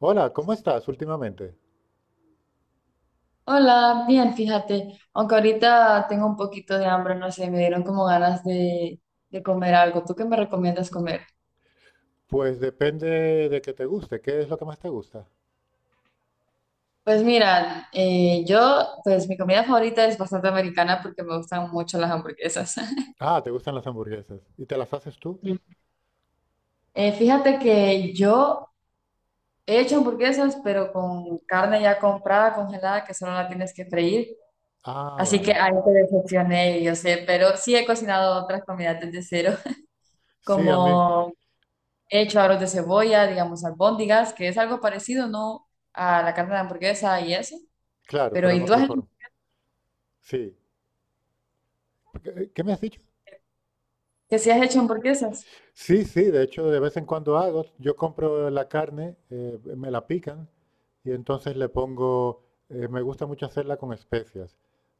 Hola, ¿cómo estás últimamente? Hola, bien, fíjate, aunque ahorita tengo un poquito de hambre, no sé, me dieron como ganas de comer algo. ¿Tú qué me recomiendas comer? Pues depende de que te guste. ¿Qué es lo que más te gusta? Pues mira, yo, pues mi comida favorita es bastante americana porque me gustan mucho las hamburguesas. Ah, te gustan las hamburguesas. ¿Y te las haces tú? Mm. Fíjate que yo he hecho hamburguesas, pero con carne ya comprada, congelada, que solo la tienes que freír. Ah, Así que vale. ahí te decepcioné, yo sé, pero sí he cocinado otras comidas desde cero, Sí, a mí. como he hecho aros de cebolla, digamos, albóndigas, que es algo parecido, ¿no? A la carne de hamburguesa y eso. Claro, Pero, pero en ¿y tú otra has, forma. Sí. ¿Qué, qué me has dicho? que si has hecho hamburguesas? Sí, sí, de hecho, de vez en cuando hago. Yo compro la carne, me la pican y entonces le pongo, me gusta mucho hacerla con especias.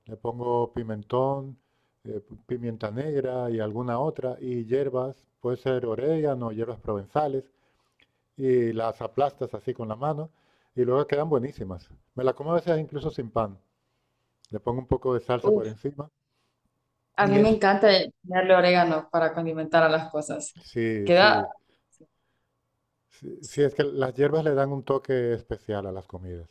Le pongo pimentón, pimienta negra y alguna otra, y hierbas, puede ser orégano, hierbas provenzales. Y las aplastas así con la mano y luego quedan buenísimas. Me la como a veces incluso sin pan. Le pongo un poco de salsa por Uf, encima a y mí me es, encanta ponerle orégano para condimentar a las cosas. sí, Queda, sí, sí, sí, es que las hierbas le dan un toque especial a las comidas,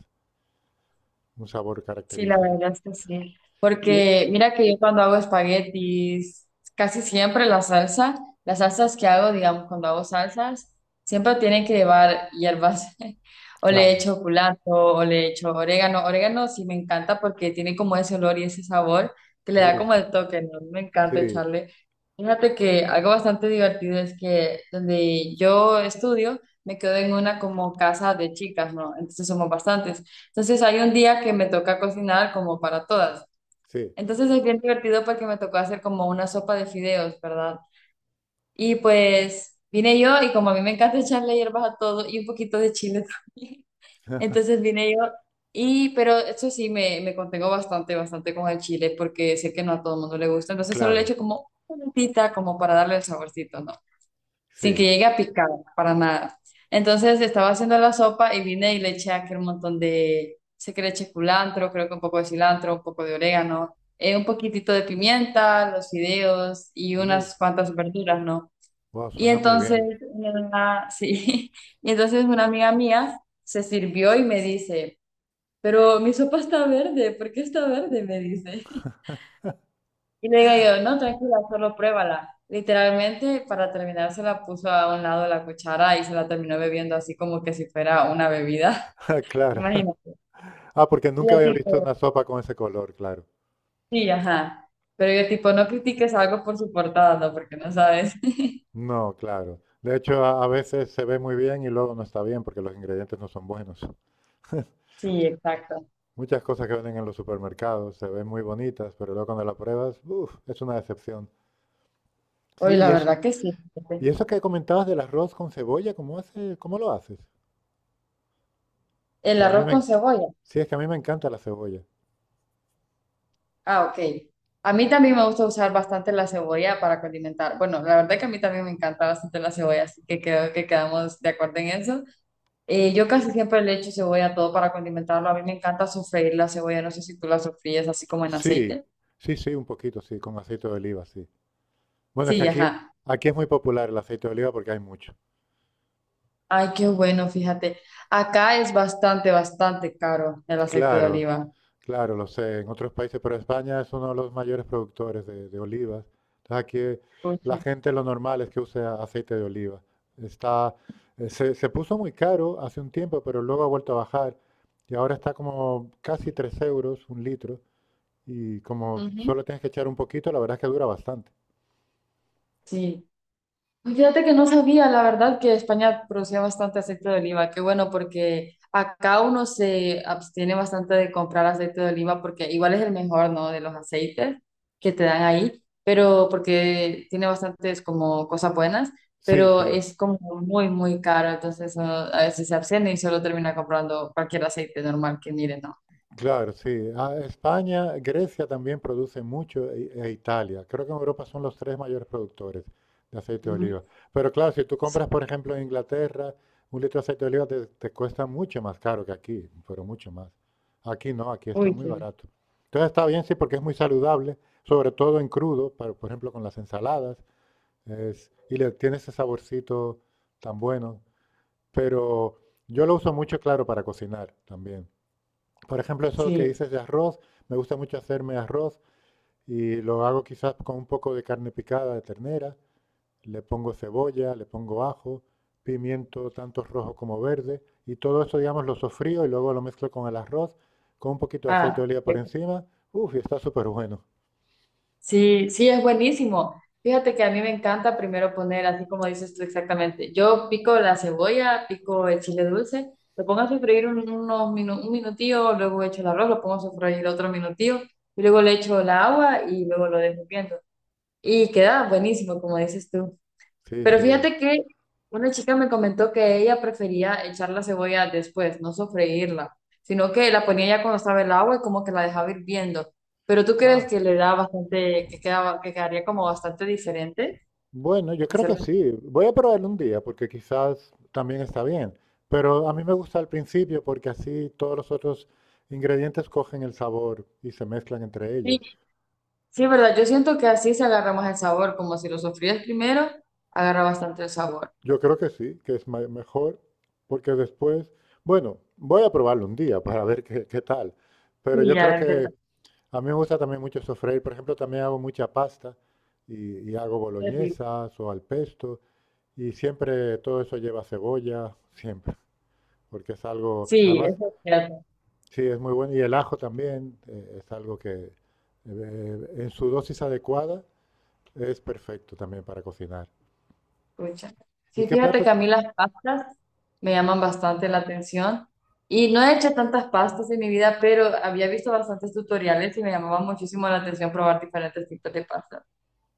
un sabor sí, la característico. verdad es que sí. Y Porque mira que yo cuando hago espaguetis, casi siempre la salsa, las salsas que hago, digamos, cuando hago salsas, siempre tienen que llevar hierbas. O le claro, echo culantro, o le echo orégano. Orégano sí me encanta porque tiene como ese olor y ese sabor que le da como uff, el toque, ¿no? Me encanta sí, echarle. Fíjate que algo bastante divertido es que donde yo estudio, me quedo en una como casa de chicas, ¿no? Entonces somos bastantes. Entonces hay un día que me toca cocinar como para todas. sí, Entonces es bien divertido porque me tocó hacer como una sopa de fideos, ¿verdad? Y pues vine yo y como a mí me encanta echarle hierbas a todo y un poquito de chile también. Entonces vine yo y, pero eso sí, me contengo bastante, bastante con el chile porque sé que no a todo el mundo le gusta. Entonces solo le claro, echo como una puntita como para darle el saborcito, ¿no? Sin que sí, llegue a picar, para nada. Entonces estaba haciendo la sopa y vine y le eché aquel montón de, sé que le eché culantro, creo que un poco de cilantro, un poco de orégano, un poquitito de pimienta, los fideos y uff, unas cuantas verduras, ¿no? wow, Y suena muy entonces, bien. Sí, y entonces una amiga mía se sirvió y me dice, pero mi sopa está verde, ¿por qué está verde? Me dice. Y le digo yo, no, tranquila, solo pruébala. Literalmente, para terminar, se la puso a un lado de la cuchara y se la terminó bebiendo así como que si fuera una bebida. Claro. Imagínate. Ah, porque Y nunca yo había visto tipo, una sopa con ese color, claro. sí, ajá. Pero yo tipo, no critiques algo por su portada, no, porque no sabes. No, claro. De hecho, a veces se ve muy bien y luego no está bien porque los ingredientes no son buenos. Sí, exacto. Muchas cosas que venden en los supermercados se ven muy bonitas, pero luego cuando las pruebas, uf, es una decepción. Sí, Oye, y la es verdad que sí. y Fíjate. eso que comentabas del arroz con cebolla, ¿cómo hace, cómo lo haces? El Porque a mí arroz me, con cebolla. sí, es que a mí me encanta la cebolla. Ah, ok. A mí también me gusta usar bastante la cebolla para condimentar. Bueno, la verdad que a mí también me encanta bastante la cebolla, así que creo que quedamos de acuerdo en eso. Yo casi siempre le echo cebolla a todo para condimentarlo. A mí me encanta sofreír la cebolla. No sé si tú la sofríes así como en Sí, aceite. sí, sí, un poquito, sí, con aceite de oliva, sí. Bueno, es que Sí, ajá. aquí es muy popular el aceite de oliva porque hay mucho. Ay, qué bueno, fíjate. Acá es bastante, bastante caro el aceite de Claro. oliva. Claro, lo sé, en otros países, pero España es uno de los mayores productores de olivas. Entonces aquí la Ujú. gente lo normal es que use aceite de oliva. Está, se puso muy caro hace un tiempo, pero luego ha vuelto a bajar y ahora está como casi 3 euros un litro y como Ujú. solo tienes que echar un poquito, la verdad es que dura bastante. Sí. Fíjate que no sabía, la verdad, que España producía bastante aceite de oliva. Qué bueno, porque acá uno se abstiene bastante de comprar aceite de oliva porque igual es el mejor, ¿no? De los aceites que te dan ahí, pero porque tiene bastantes como cosas buenas, Sí, pero sí. es como muy, muy caro. Entonces uno a veces se abstiene y solo termina comprando. Claro, sí. Ah, España, Grecia también produce mucho e Italia. Creo que en Europa son los tres mayores productores de aceite de oliva. Pero claro, si tú compras, por ejemplo, en Inglaterra, un litro de aceite de oliva te cuesta mucho más caro que aquí, pero mucho más. Aquí no, aquí está muy barato. Entonces está bien, sí, porque es muy saludable, sobre todo en crudo, por ejemplo, con las ensaladas, y le tiene ese saborcito tan bueno. Pero yo lo uso mucho, claro, para cocinar también. Por ejemplo, eso que dices de arroz, me gusta mucho hacerme arroz y lo hago quizás con un poco de carne picada de ternera, le pongo cebolla, le pongo ajo, pimiento tanto rojo como verde y todo eso, digamos, lo sofrío y luego lo mezclo con el arroz, con un poquito de aceite de oliva por encima. Uf, y está súper bueno. Sí, sí, es buenísimo. Fíjate que a mí me encanta primero poner, así como dices tú exactamente, yo pico la cebolla, pico el chile dulce, lo pongo a sofreír unos un minutillo, luego echo el arroz, lo pongo a sofreír otro minutillo, y luego le echo el agua y luego lo dejo hirviendo. Y queda buenísimo, como dices tú. Sí, Pero sí. fíjate que una chica me comentó que ella prefería echar la cebolla después, no sofreírla, sino que la ponía ya cuando estaba el agua y como que la dejaba hirviendo. ¿Pero tú crees Ah, que le da bastante, que quedaba, que quedaría como bastante diferente bueno, yo creo que hacerlo así? sí. Voy a probarlo un día porque quizás también está bien. Pero a mí me gusta al principio porque así todos los otros ingredientes cogen el sabor y se mezclan entre ellos. Sí, sí, ¿verdad? Yo siento que así se agarra más el sabor, como si lo sofrías primero, agarra bastante el sabor. Yo creo que sí, que es mejor porque después, bueno, voy a probarlo un día para ver qué, qué tal. Pero Sí, yo creo ya, qué que tal, a mí me gusta también mucho sofreír. Por ejemplo, también hago mucha pasta y hago qué rico. boloñesas o al pesto y siempre todo eso lleva cebolla, siempre porque es algo, Sí, además eso es cierto. sí, es muy bueno. Y el ajo también es algo que en su dosis adecuada es perfecto también para cocinar. Pucha. ¿Y Sí, qué fíjate que plato? a mí las pastas me llaman bastante la atención y no he hecho tantas pastas en mi vida, pero había visto bastantes tutoriales y me llamaba muchísimo la atención probar diferentes tipos de pastas.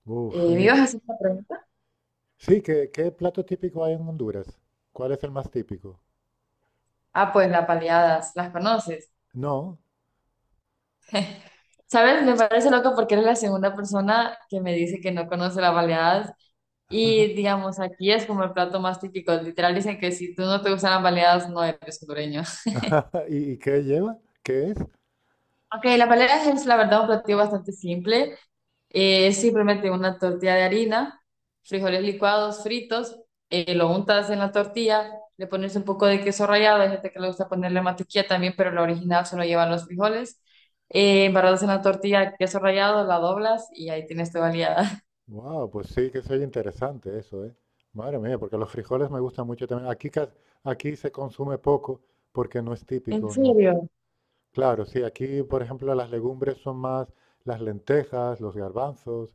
Uf, ¿Me ibas a hacer una pregunta? sí, ¿qué, qué plato típico hay en Honduras? ¿Cuál es el más típico? Ah, pues las baleadas, ¿las conoces? No. ¿Sabes? Me parece loco porque eres la segunda persona que me dice que no conoce las baleadas y digamos, aquí es como el plato más típico. Literal dicen que si tú no te gustan las baleadas no eres hondureño. ¿Y, y qué lleva? ¿Qué es? Ok, las baleadas es la verdad un platillo bastante simple. Simplemente una tortilla de harina, frijoles licuados, fritos, lo untas en la tortilla, le pones un poco de queso rallado, hay gente que le gusta ponerle mantequilla también, pero la original solo llevan los frijoles. Embarrados en la tortilla, queso rallado, la doblas y ahí tienes tu baleada. Wow, pues sí que soy interesante eso, ¿eh? Madre mía, porque los frijoles me gustan mucho también. Aquí se consume poco porque no es ¿En típico, no. serio? Claro, sí, aquí, por ejemplo, las legumbres son más las lentejas, los garbanzos,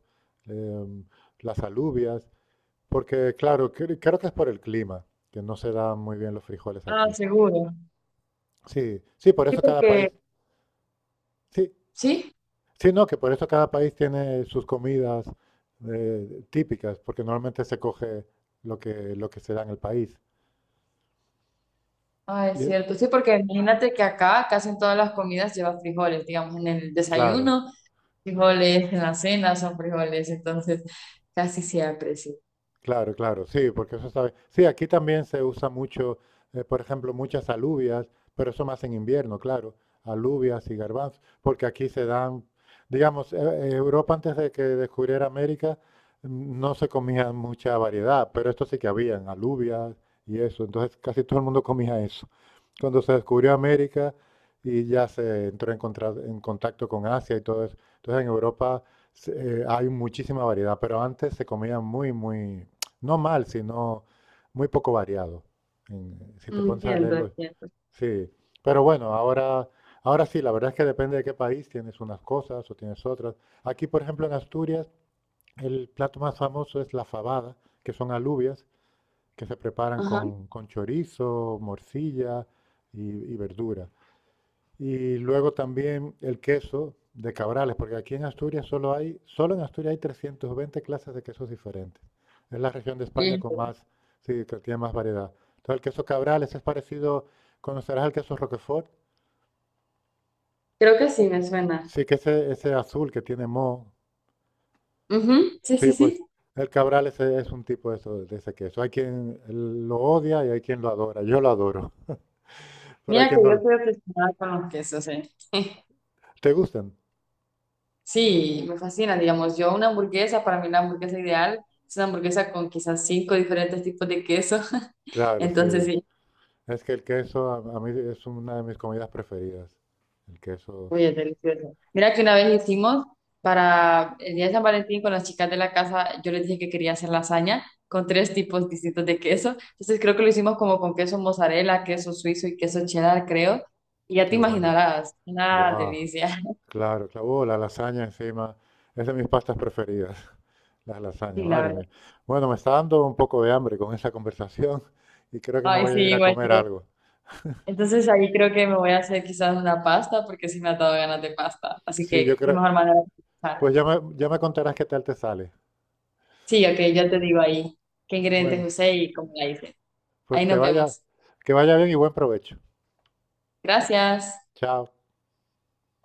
em, las alubias, porque, claro, creo que es por el clima, que no se dan muy bien los frijoles Ah, aquí. seguro. Sí, sí, por Sí, eso cada país, porque... sí, Sí, sí, no, que por eso cada país tiene sus comidas típicas, porque normalmente se coge lo que se da en el país. ah, Y, es cierto. Sí, porque imagínate que acá casi en todas las comidas lleva frijoles, digamos, en el claro, desayuno, frijoles, en la cena son frijoles, entonces casi siempre, sí. claro, claro, sí, porque eso sabe. Sí, aquí también se usa mucho, por ejemplo, muchas alubias, pero eso más en invierno, claro, alubias y garbanzos, porque aquí se dan, digamos, Europa antes de que descubriera América, mm, no se comía mucha variedad, pero esto sí que habían alubias y eso, entonces casi todo el mundo comía eso. Cuando se descubrió América y ya se entró en contacto con Asia y todo eso. Entonces en Europa hay muchísima variedad, pero antes se comía muy, muy, no mal, sino muy poco variado. Si te pones a Entiendo, leerlo, entiendo. sí. Pero bueno, ahora, ahora sí, la verdad es que depende de qué país, tienes unas cosas o tienes otras. Aquí, por ejemplo, en Asturias, el plato más famoso es la fabada, que son alubias que se preparan Ajá. Con chorizo, morcilla y verdura. Y luego también el queso de Cabrales, porque aquí en Asturias solo en Asturias hay 320 clases de quesos diferentes. Es la región de España Y con más, sí, que tiene más variedad. Entonces el queso Cabrales es parecido, ¿conocerás el queso Roquefort? creo que sí me suena. Sí, que ese azul que tiene moho. Ujú, sí, sí, Sí, sí. pues el Cabrales es un tipo de, de ese queso. Hay quien lo odia y hay quien lo adora. Yo lo adoro, pero hay Mira que quien no yo lo... estoy obsesionada con los quesos, ¿eh? ¿Te gustan? Sí, me fascina, digamos, yo una hamburguesa, para mí la hamburguesa ideal es una hamburguesa con quizás cinco diferentes tipos de queso. Claro, Entonces, sí. sí, Es que el queso a mí es una de mis comidas preferidas. El queso, uy, es delicioso. Mira que una vez hicimos para el día de San Valentín con las chicas de la casa, yo les dije que quería hacer lasaña con tres tipos distintos de queso. Entonces creo que lo hicimos como con queso mozzarella, queso suizo y queso cheddar, creo. Y ya te qué bueno. imaginarás, una Wow. delicia. Claro, claro. Oh, la lasaña encima. Es de mis pastas preferidas, las lasañas, Sí, la madre verdad. mía. Bueno, me está dando un poco de hambre con esa conversación y creo que me Ay, voy sí, a ir a igual comer yo. algo. Entonces ahí creo que me voy a hacer quizás una pasta porque sí me ha dado ganas de pasta. Así Sí, yo que qué creo. mejor manera de empezar. Pues ya me contarás qué tal te sale. Sí, ok, ya te digo ahí qué ingredientes Bueno, usé y cómo la hice. pues Ahí nos vemos. que vaya bien y buen provecho. Gracias. Chao.